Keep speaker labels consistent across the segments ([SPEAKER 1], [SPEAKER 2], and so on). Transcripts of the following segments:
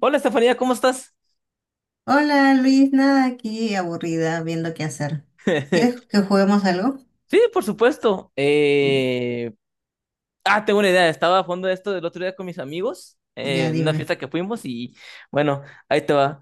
[SPEAKER 1] Hola Estefanía, ¿cómo estás?
[SPEAKER 2] Hola Luis, nada aquí aburrida viendo qué hacer. ¿Quieres que juguemos algo?
[SPEAKER 1] Sí, por supuesto. Ah, tengo una idea. Estaba a fondo de esto del otro día con mis amigos,
[SPEAKER 2] Ya
[SPEAKER 1] en una
[SPEAKER 2] dime,
[SPEAKER 1] fiesta que fuimos y bueno, ahí te va.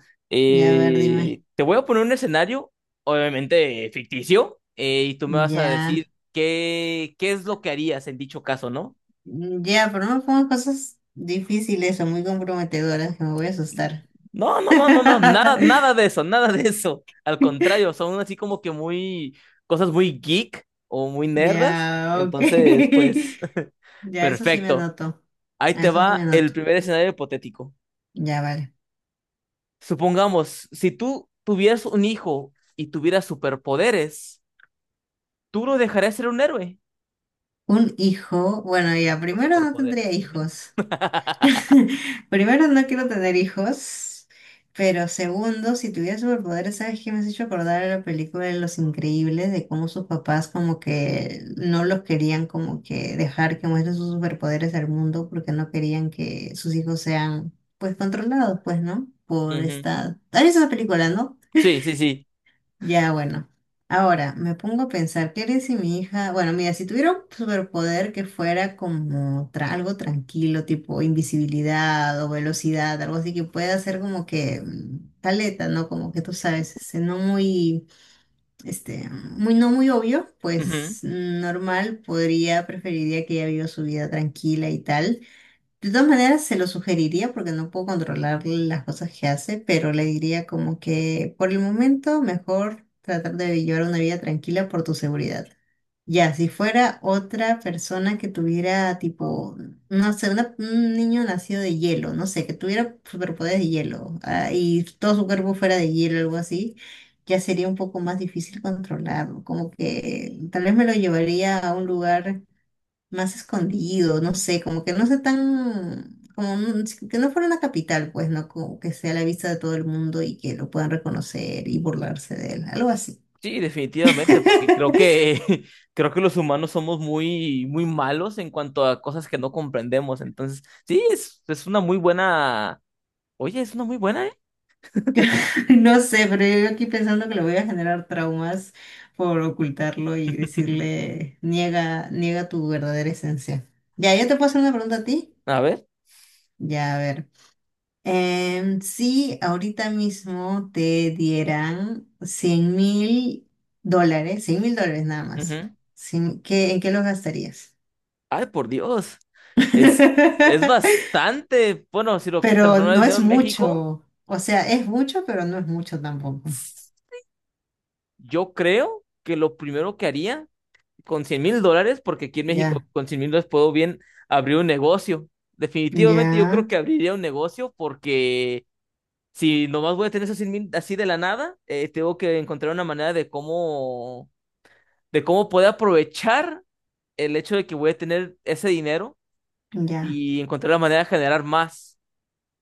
[SPEAKER 2] ya a ver, dime.
[SPEAKER 1] Te voy a poner un escenario, obviamente ficticio, y tú me vas a decir
[SPEAKER 2] Ya,
[SPEAKER 1] qué es lo que harías en dicho caso, ¿no?
[SPEAKER 2] ya, pero no me pongas cosas difíciles o muy comprometedoras que me voy a asustar.
[SPEAKER 1] No, no, no, no, no, nada, nada de eso, nada de eso. Al contrario, son así como que muy, cosas muy geek o muy nerdas.
[SPEAKER 2] Ya, ok.
[SPEAKER 1] Entonces, pues...
[SPEAKER 2] Ya, eso sí me
[SPEAKER 1] Perfecto.
[SPEAKER 2] anoto.
[SPEAKER 1] Ahí
[SPEAKER 2] A
[SPEAKER 1] te
[SPEAKER 2] eso sí me
[SPEAKER 1] va el
[SPEAKER 2] anoto.
[SPEAKER 1] primer escenario hipotético.
[SPEAKER 2] Ya, vale.
[SPEAKER 1] Supongamos, si tú tuvieras un hijo y tuvieras superpoderes, ¿tú lo dejarías ser un héroe?
[SPEAKER 2] Un hijo, bueno, ya,
[SPEAKER 1] Los
[SPEAKER 2] primero no tendría
[SPEAKER 1] superpoderes. Ujú.
[SPEAKER 2] hijos. Primero, no quiero tener hijos, pero segundo, si tuviera superpoderes, ¿sabes qué me has hecho acordar a la película de Los Increíbles? De cómo sus papás como que no los querían como que dejar que muestren sus superpoderes al mundo porque no querían que sus hijos sean pues controlados, pues, ¿no? Por
[SPEAKER 1] Ujú.
[SPEAKER 2] esta... ¿Has visto esa película, no?
[SPEAKER 1] Sí, sí, sí.
[SPEAKER 2] Ya, bueno. Ahora, me pongo a pensar, ¿qué haría si mi hija, bueno, mira, si tuviera un superpoder que fuera como algo tranquilo, tipo invisibilidad o velocidad, algo así que pueda ser como que caleta, ¿no? Como que tú sabes, este, no muy, este, muy, no muy obvio,
[SPEAKER 1] Ujú.
[SPEAKER 2] pues normal, podría, preferiría que ella viva su vida tranquila y tal. De todas maneras, se lo sugeriría porque no puedo controlar las cosas que hace, pero le diría como que por el momento mejor tratar de llevar una vida tranquila por tu seguridad. Ya, si fuera otra persona que tuviera tipo, no sé, un niño nacido de hielo, no sé, que tuviera superpoderes de hielo, ah, y todo su cuerpo fuera de hielo, algo así, ya sería un poco más difícil controlarlo. Como que tal vez me lo llevaría a un lugar más escondido, no sé, como que no sea tan, como sí, que no fuera una capital, pues, ¿no? Como que sea a la vista de todo el mundo y que lo puedan reconocer y burlarse de él, algo así.
[SPEAKER 1] Sí, definitivamente, porque creo que creo que los humanos somos muy muy malos en cuanto a cosas que no comprendemos. Entonces, sí, es una muy buena. Oye, es una muy buena, ¿eh?
[SPEAKER 2] No sé, pero yo aquí pensando que le voy a generar traumas por ocultarlo y decirle, niega, niega tu verdadera esencia. Ya, yo te puedo hacer una pregunta a ti.
[SPEAKER 1] A ver.
[SPEAKER 2] Ya, a ver. Si ahorita mismo te dieran $100.000, $100.000 nada más,
[SPEAKER 1] Ujú.
[SPEAKER 2] ¿en qué los gastarías?
[SPEAKER 1] Ay, por Dios. Es, es bastante, bueno, si lo
[SPEAKER 2] Pero
[SPEAKER 1] transformara en
[SPEAKER 2] no
[SPEAKER 1] dinero
[SPEAKER 2] es
[SPEAKER 1] en México,
[SPEAKER 2] mucho, o sea, es mucho, pero no es mucho tampoco.
[SPEAKER 1] yo creo que lo primero que haría con $100,000, porque aquí en México
[SPEAKER 2] Ya,
[SPEAKER 1] con $100,000 puedo bien abrir un negocio. Definitivamente yo
[SPEAKER 2] ya,
[SPEAKER 1] creo que abriría un negocio porque si nomás voy a tener esos 100,000 así de la nada, tengo que encontrar una manera de cómo poder aprovechar el hecho de que voy a tener ese dinero
[SPEAKER 2] ya,
[SPEAKER 1] y encontrar la manera de generar más.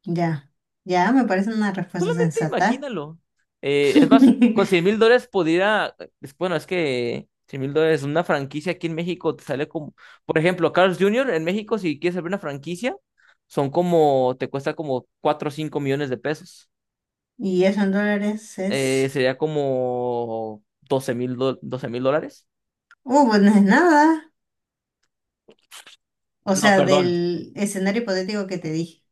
[SPEAKER 2] ya, ya, me parece una respuesta
[SPEAKER 1] Solamente
[SPEAKER 2] sensata.
[SPEAKER 1] imagínalo. Es más, con cien mil dólares podría, bueno, es que $100,000, una franquicia aquí en México te sale como, por ejemplo, Carlos Junior en México, si quieres abrir una franquicia, son como, te cuesta como 4 o 5 millones de pesos.
[SPEAKER 2] Y eso en dólares es,
[SPEAKER 1] Sería como 12,000, 12 mil dólares.
[SPEAKER 2] pues no es nada, o
[SPEAKER 1] No,
[SPEAKER 2] sea,
[SPEAKER 1] perdón,
[SPEAKER 2] del escenario hipotético que te dije,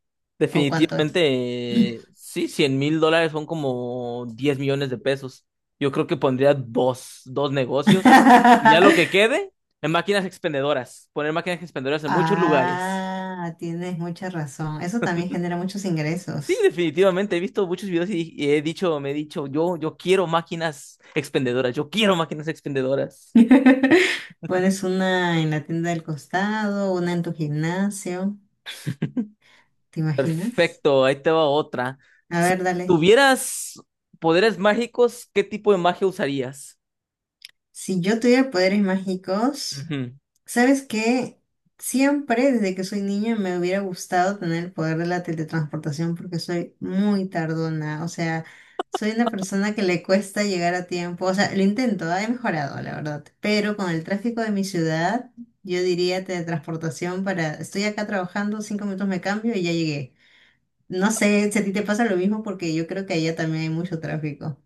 [SPEAKER 2] o cuánto es.
[SPEAKER 1] definitivamente, sí, $100,000 son como 10 millones de pesos. Yo creo que pondría dos negocios y ya lo que quede en máquinas expendedoras, poner máquinas expendedoras en muchos lugares.
[SPEAKER 2] Ah, tienes mucha razón. Eso también genera muchos
[SPEAKER 1] Sí,
[SPEAKER 2] ingresos.
[SPEAKER 1] definitivamente, he visto muchos videos y he dicho, me he dicho, yo quiero máquinas expendedoras, yo quiero máquinas expendedoras.
[SPEAKER 2] Pones una en la tienda del costado, una en tu gimnasio, ¿te imaginas?
[SPEAKER 1] Perfecto, ahí te va otra.
[SPEAKER 2] A
[SPEAKER 1] Si
[SPEAKER 2] ver, dale.
[SPEAKER 1] tuvieras poderes mágicos, ¿qué tipo de magia usarías?
[SPEAKER 2] Si yo tuviera poderes mágicos,
[SPEAKER 1] Ujú.
[SPEAKER 2] ¿sabes qué? Siempre desde que soy niña me hubiera gustado tener el poder de la teletransportación porque soy muy tardona, o sea, soy una persona que le cuesta llegar a tiempo, o sea, lo intento, ah, he mejorado, la verdad, pero con el tráfico de mi ciudad, yo diría teletransportación para, estoy acá trabajando, 5 minutos me cambio y ya llegué. No sé si a ti te pasa lo mismo porque yo creo que allá también hay mucho tráfico.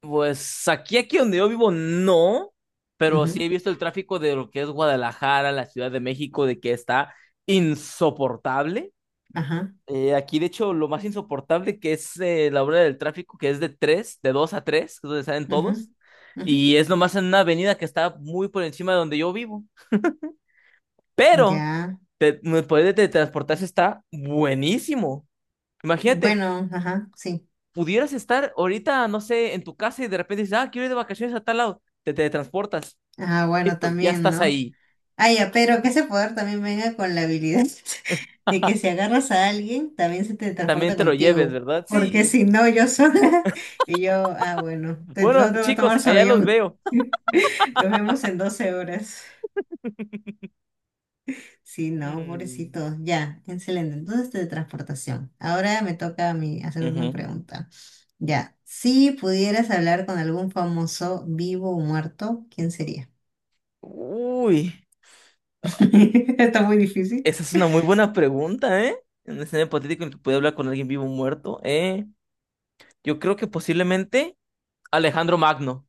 [SPEAKER 1] Pues aquí, aquí donde yo vivo, no, pero sí
[SPEAKER 2] Ujú,
[SPEAKER 1] he visto el tráfico de lo que es Guadalajara, la Ciudad de México, de que está insoportable.
[SPEAKER 2] ajá,
[SPEAKER 1] Aquí, de hecho, lo más insoportable que es la hora del tráfico, que es de 2 a 3, que es donde salen
[SPEAKER 2] ujú,
[SPEAKER 1] todos,
[SPEAKER 2] ujú,
[SPEAKER 1] y es nomás en una avenida que está muy por encima de donde yo vivo. Pero
[SPEAKER 2] ya,
[SPEAKER 1] poder de teletransportarse está buenísimo. Imagínate,
[SPEAKER 2] bueno, ajá, sí.
[SPEAKER 1] pudieras estar ahorita, no sé, en tu casa y de repente dices, ah, quiero ir de vacaciones a tal lado, te teletransportas.
[SPEAKER 2] Ah, bueno,
[SPEAKER 1] Listo, ya
[SPEAKER 2] también,
[SPEAKER 1] estás
[SPEAKER 2] ¿no?
[SPEAKER 1] ahí.
[SPEAKER 2] Ah, ya, pero que ese poder también venga con la habilidad de que si agarras a alguien, también se te
[SPEAKER 1] También
[SPEAKER 2] transporta
[SPEAKER 1] te lo lleves,
[SPEAKER 2] contigo.
[SPEAKER 1] ¿verdad?
[SPEAKER 2] Porque
[SPEAKER 1] Sí.
[SPEAKER 2] si no, yo sola. Y yo, ah, bueno, te,
[SPEAKER 1] Bueno,
[SPEAKER 2] lo tengo que
[SPEAKER 1] chicos,
[SPEAKER 2] tomar su
[SPEAKER 1] allá los
[SPEAKER 2] avión.
[SPEAKER 1] veo.
[SPEAKER 2] Nos vemos en 12 horas. Sí, no,
[SPEAKER 1] Mm,
[SPEAKER 2] pobrecito. Ya, excelente. Entonces, teletransportación. Ahora me toca a mí hacer una
[SPEAKER 1] ujú.
[SPEAKER 2] pregunta. Ya, si pudieras hablar con algún famoso vivo o muerto, ¿quién sería?
[SPEAKER 1] Uy,
[SPEAKER 2] Está muy difícil.
[SPEAKER 1] esa es una muy buena pregunta, ¿eh? En un escenario hipotético en el que puede hablar con alguien vivo o muerto, ¿eh? Yo creo que posiblemente Alejandro Magno,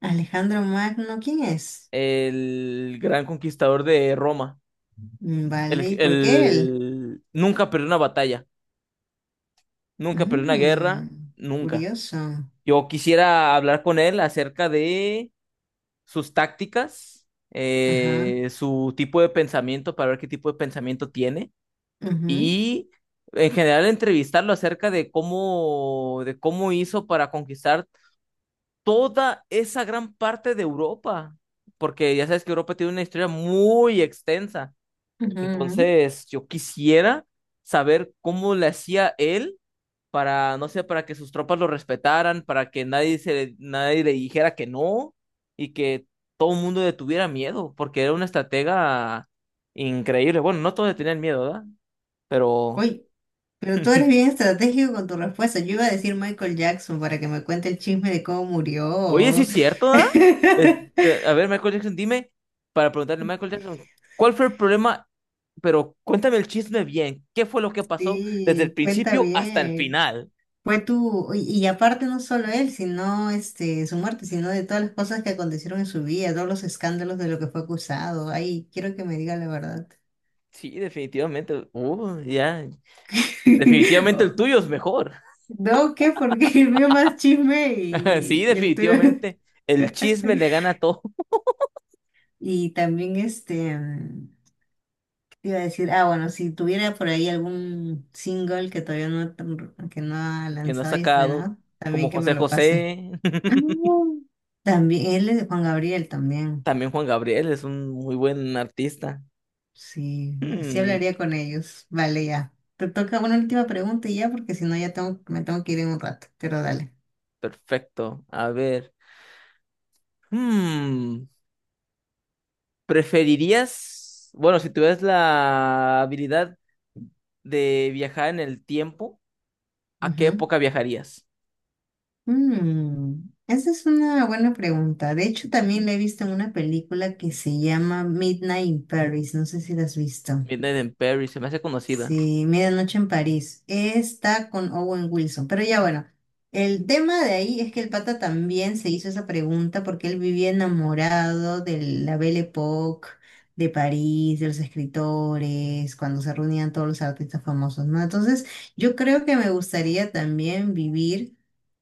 [SPEAKER 2] Alejandro Magno, ¿quién es?
[SPEAKER 1] el gran conquistador de Roma.
[SPEAKER 2] Mm, vale, ¿y por qué él?
[SPEAKER 1] Nunca perdió una batalla, nunca perdió una guerra,
[SPEAKER 2] Mm,
[SPEAKER 1] nunca.
[SPEAKER 2] curioso.
[SPEAKER 1] Yo quisiera hablar con él acerca de sus tácticas,
[SPEAKER 2] Ajá.
[SPEAKER 1] su tipo de pensamiento para ver qué tipo de pensamiento tiene
[SPEAKER 2] Ujú,
[SPEAKER 1] y en general entrevistarlo acerca de de cómo hizo para conquistar toda esa gran parte de Europa, porque ya sabes que Europa tiene una historia muy extensa.
[SPEAKER 2] ujú, ujú.
[SPEAKER 1] Entonces, yo quisiera saber cómo le hacía él para, no sé, para que sus tropas lo respetaran, para que nadie le dijera que no y que todo el mundo le tuviera miedo, porque era una estratega increíble. Bueno, no todos le tenían miedo, ¿verdad? Pero,
[SPEAKER 2] Uy, pero tú eres bien estratégico con tu respuesta. Yo iba a decir Michael Jackson para que me cuente el chisme de cómo
[SPEAKER 1] oye, sí
[SPEAKER 2] murió.
[SPEAKER 1] es cierto, ¿verdad? Este, a ver, Michael Jackson, dime, para preguntarle, Michael Jackson, ¿cuál fue el problema? Pero cuéntame el chisme bien, ¿qué fue lo que pasó desde el
[SPEAKER 2] Sí, cuenta
[SPEAKER 1] principio hasta el
[SPEAKER 2] bien.
[SPEAKER 1] final?
[SPEAKER 2] Fue tú, y aparte no solo él, sino este, su muerte, sino de todas las cosas que acontecieron en su vida, todos los escándalos de lo que fue acusado. Ay, quiero que me diga la verdad.
[SPEAKER 1] Sí, definitivamente. Ya. Definitivamente el tuyo es mejor.
[SPEAKER 2] No, ¿qué? Porque el mío más chisme
[SPEAKER 1] Sí,
[SPEAKER 2] y el tuyo.
[SPEAKER 1] definitivamente. El chisme le gana a todo.
[SPEAKER 2] Y también este, ¿qué te iba a decir? Ah, bueno, si tuviera por ahí algún single que todavía no, que no ha
[SPEAKER 1] Que no ha
[SPEAKER 2] lanzado y
[SPEAKER 1] sacado,
[SPEAKER 2] estrenado,
[SPEAKER 1] como
[SPEAKER 2] también que me
[SPEAKER 1] José
[SPEAKER 2] lo pase.
[SPEAKER 1] José.
[SPEAKER 2] Ah, también, él es de Juan Gabriel también.
[SPEAKER 1] También Juan Gabriel es un muy buen artista.
[SPEAKER 2] Sí, así
[SPEAKER 1] Hmm,
[SPEAKER 2] hablaría con ellos. Vale, ya. Te toca una última pregunta y ya, porque si no ya tengo, me tengo que ir en un rato, pero dale.
[SPEAKER 1] perfecto. A ver. Hmm, ¿preferirías, bueno, si tuvieras la habilidad de viajar en el tiempo, ¿a qué
[SPEAKER 2] Ujú.
[SPEAKER 1] época viajarías?
[SPEAKER 2] Mm, esa es una buena pregunta. De hecho, también la he visto en una película que se llama Midnight in Paris. No sé si la has visto.
[SPEAKER 1] Midnight in Paris, se me hace conocida.
[SPEAKER 2] Sí, Medianoche en París. Está con Owen Wilson. Pero ya bueno, el tema de ahí es que el pata también se hizo esa pregunta porque él vivía enamorado de la Belle Époque, de París, de los escritores, cuando se reunían todos los artistas famosos, ¿no? Entonces, yo creo que me gustaría también vivir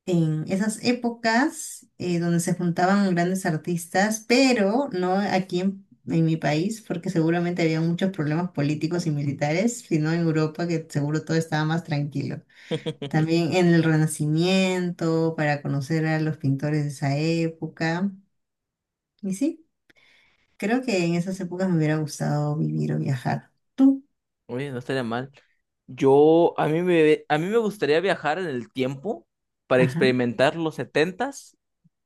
[SPEAKER 2] en esas épocas donde se juntaban grandes artistas, pero no aquí en mi país, porque seguramente había muchos problemas políticos y militares, sino en Europa, que seguro todo estaba más tranquilo. También en el Renacimiento, para conocer a los pintores de esa época. Y sí, creo que en esas épocas me hubiera gustado vivir o viajar. ¿Tú?
[SPEAKER 1] Oye, no estaría mal. Yo, a mí me gustaría viajar en el tiempo para
[SPEAKER 2] Ajá,
[SPEAKER 1] experimentar los setentas,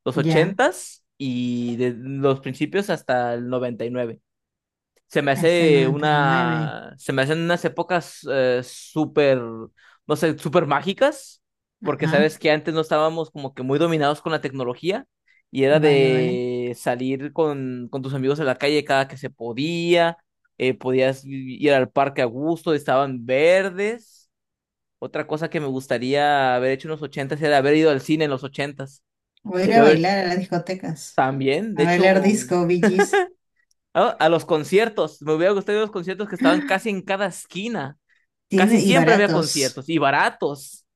[SPEAKER 1] los
[SPEAKER 2] ya,
[SPEAKER 1] ochentas y de los principios hasta el 99.
[SPEAKER 2] hasta el 99.
[SPEAKER 1] Se me hacen unas épocas súper, no sé, súper mágicas, porque
[SPEAKER 2] Ajá,
[SPEAKER 1] sabes que antes no estábamos como que muy dominados con la tecnología y era
[SPEAKER 2] vale, vale.
[SPEAKER 1] de salir con tus amigos a la calle cada que se podía, podías ir al parque a gusto, estaban verdes. Otra cosa que me gustaría haber hecho en los ochentas era haber ido al cine en los ochentas.
[SPEAKER 2] O ir a
[SPEAKER 1] Debió haber
[SPEAKER 2] bailar a las discotecas.
[SPEAKER 1] también, de
[SPEAKER 2] A
[SPEAKER 1] hecho,
[SPEAKER 2] bailar disco, Bee Gees.
[SPEAKER 1] a los conciertos, me hubiera gustado ir a los conciertos que estaban casi en cada esquina. Casi
[SPEAKER 2] Tiene, y
[SPEAKER 1] siempre había
[SPEAKER 2] baratos.
[SPEAKER 1] conciertos y baratos.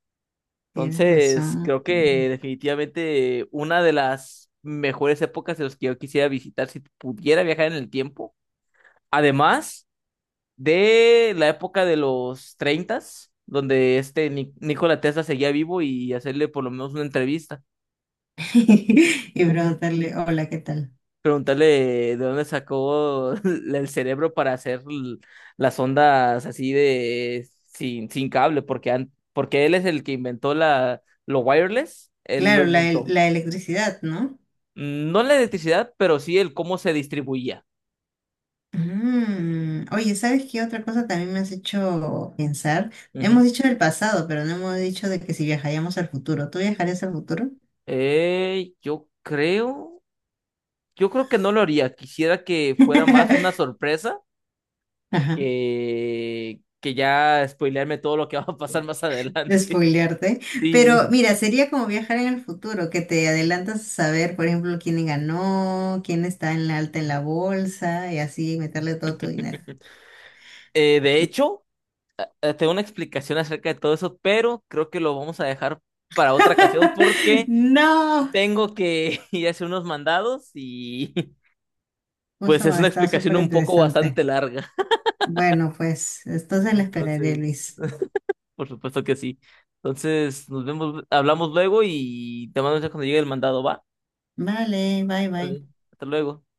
[SPEAKER 2] Tienes
[SPEAKER 1] Entonces,
[SPEAKER 2] razón.
[SPEAKER 1] creo que definitivamente una de las mejores épocas de los que yo quisiera visitar si pudiera viajar en el tiempo. Además de la época de los treintas donde este Nikola Tesla seguía vivo y hacerle por lo menos una entrevista.
[SPEAKER 2] Y preguntarle, hola, ¿qué tal?
[SPEAKER 1] Preguntarle de dónde sacó el cerebro para hacer las ondas así de sin cable, porque, porque él es el que inventó lo wireless, él lo
[SPEAKER 2] Claro,
[SPEAKER 1] inventó.
[SPEAKER 2] la electricidad, ¿no?
[SPEAKER 1] No la electricidad, pero sí el cómo se distribuía.
[SPEAKER 2] Mm, oye, ¿sabes qué otra cosa también me has hecho pensar? Hemos
[SPEAKER 1] Ujú.
[SPEAKER 2] dicho del pasado, pero no hemos dicho de que si viajaríamos al futuro. ¿Tú viajarías al futuro?
[SPEAKER 1] Eh, yo creo, yo creo que no lo haría. Quisiera que fuera más una sorpresa
[SPEAKER 2] Ajá.
[SPEAKER 1] que ya spoilearme todo lo que va a pasar más
[SPEAKER 2] De
[SPEAKER 1] adelante.
[SPEAKER 2] spoilearte,
[SPEAKER 1] Sí.
[SPEAKER 2] pero mira, sería como viajar en el futuro, que te adelantas a saber, por ejemplo, quién ganó, quién está en la alta en la bolsa y así meterle todo tu dinero.
[SPEAKER 1] De hecho. Tengo una explicación acerca de todo eso, pero creo que lo vamos a dejar para otra ocasión porque
[SPEAKER 2] No,
[SPEAKER 1] tengo que ir a hacer unos mandados y
[SPEAKER 2] justo
[SPEAKER 1] pues es
[SPEAKER 2] cuando
[SPEAKER 1] una
[SPEAKER 2] está
[SPEAKER 1] explicación
[SPEAKER 2] súper
[SPEAKER 1] un poco bastante
[SPEAKER 2] interesante.
[SPEAKER 1] larga.
[SPEAKER 2] Bueno, pues entonces la esperaré,
[SPEAKER 1] Entonces,
[SPEAKER 2] Luis.
[SPEAKER 1] por supuesto que sí. Entonces, nos vemos, hablamos luego y te mando un mensaje cuando llegue el mandado, ¿va?
[SPEAKER 2] Vale, bye, bye.
[SPEAKER 1] Vale, hasta luego.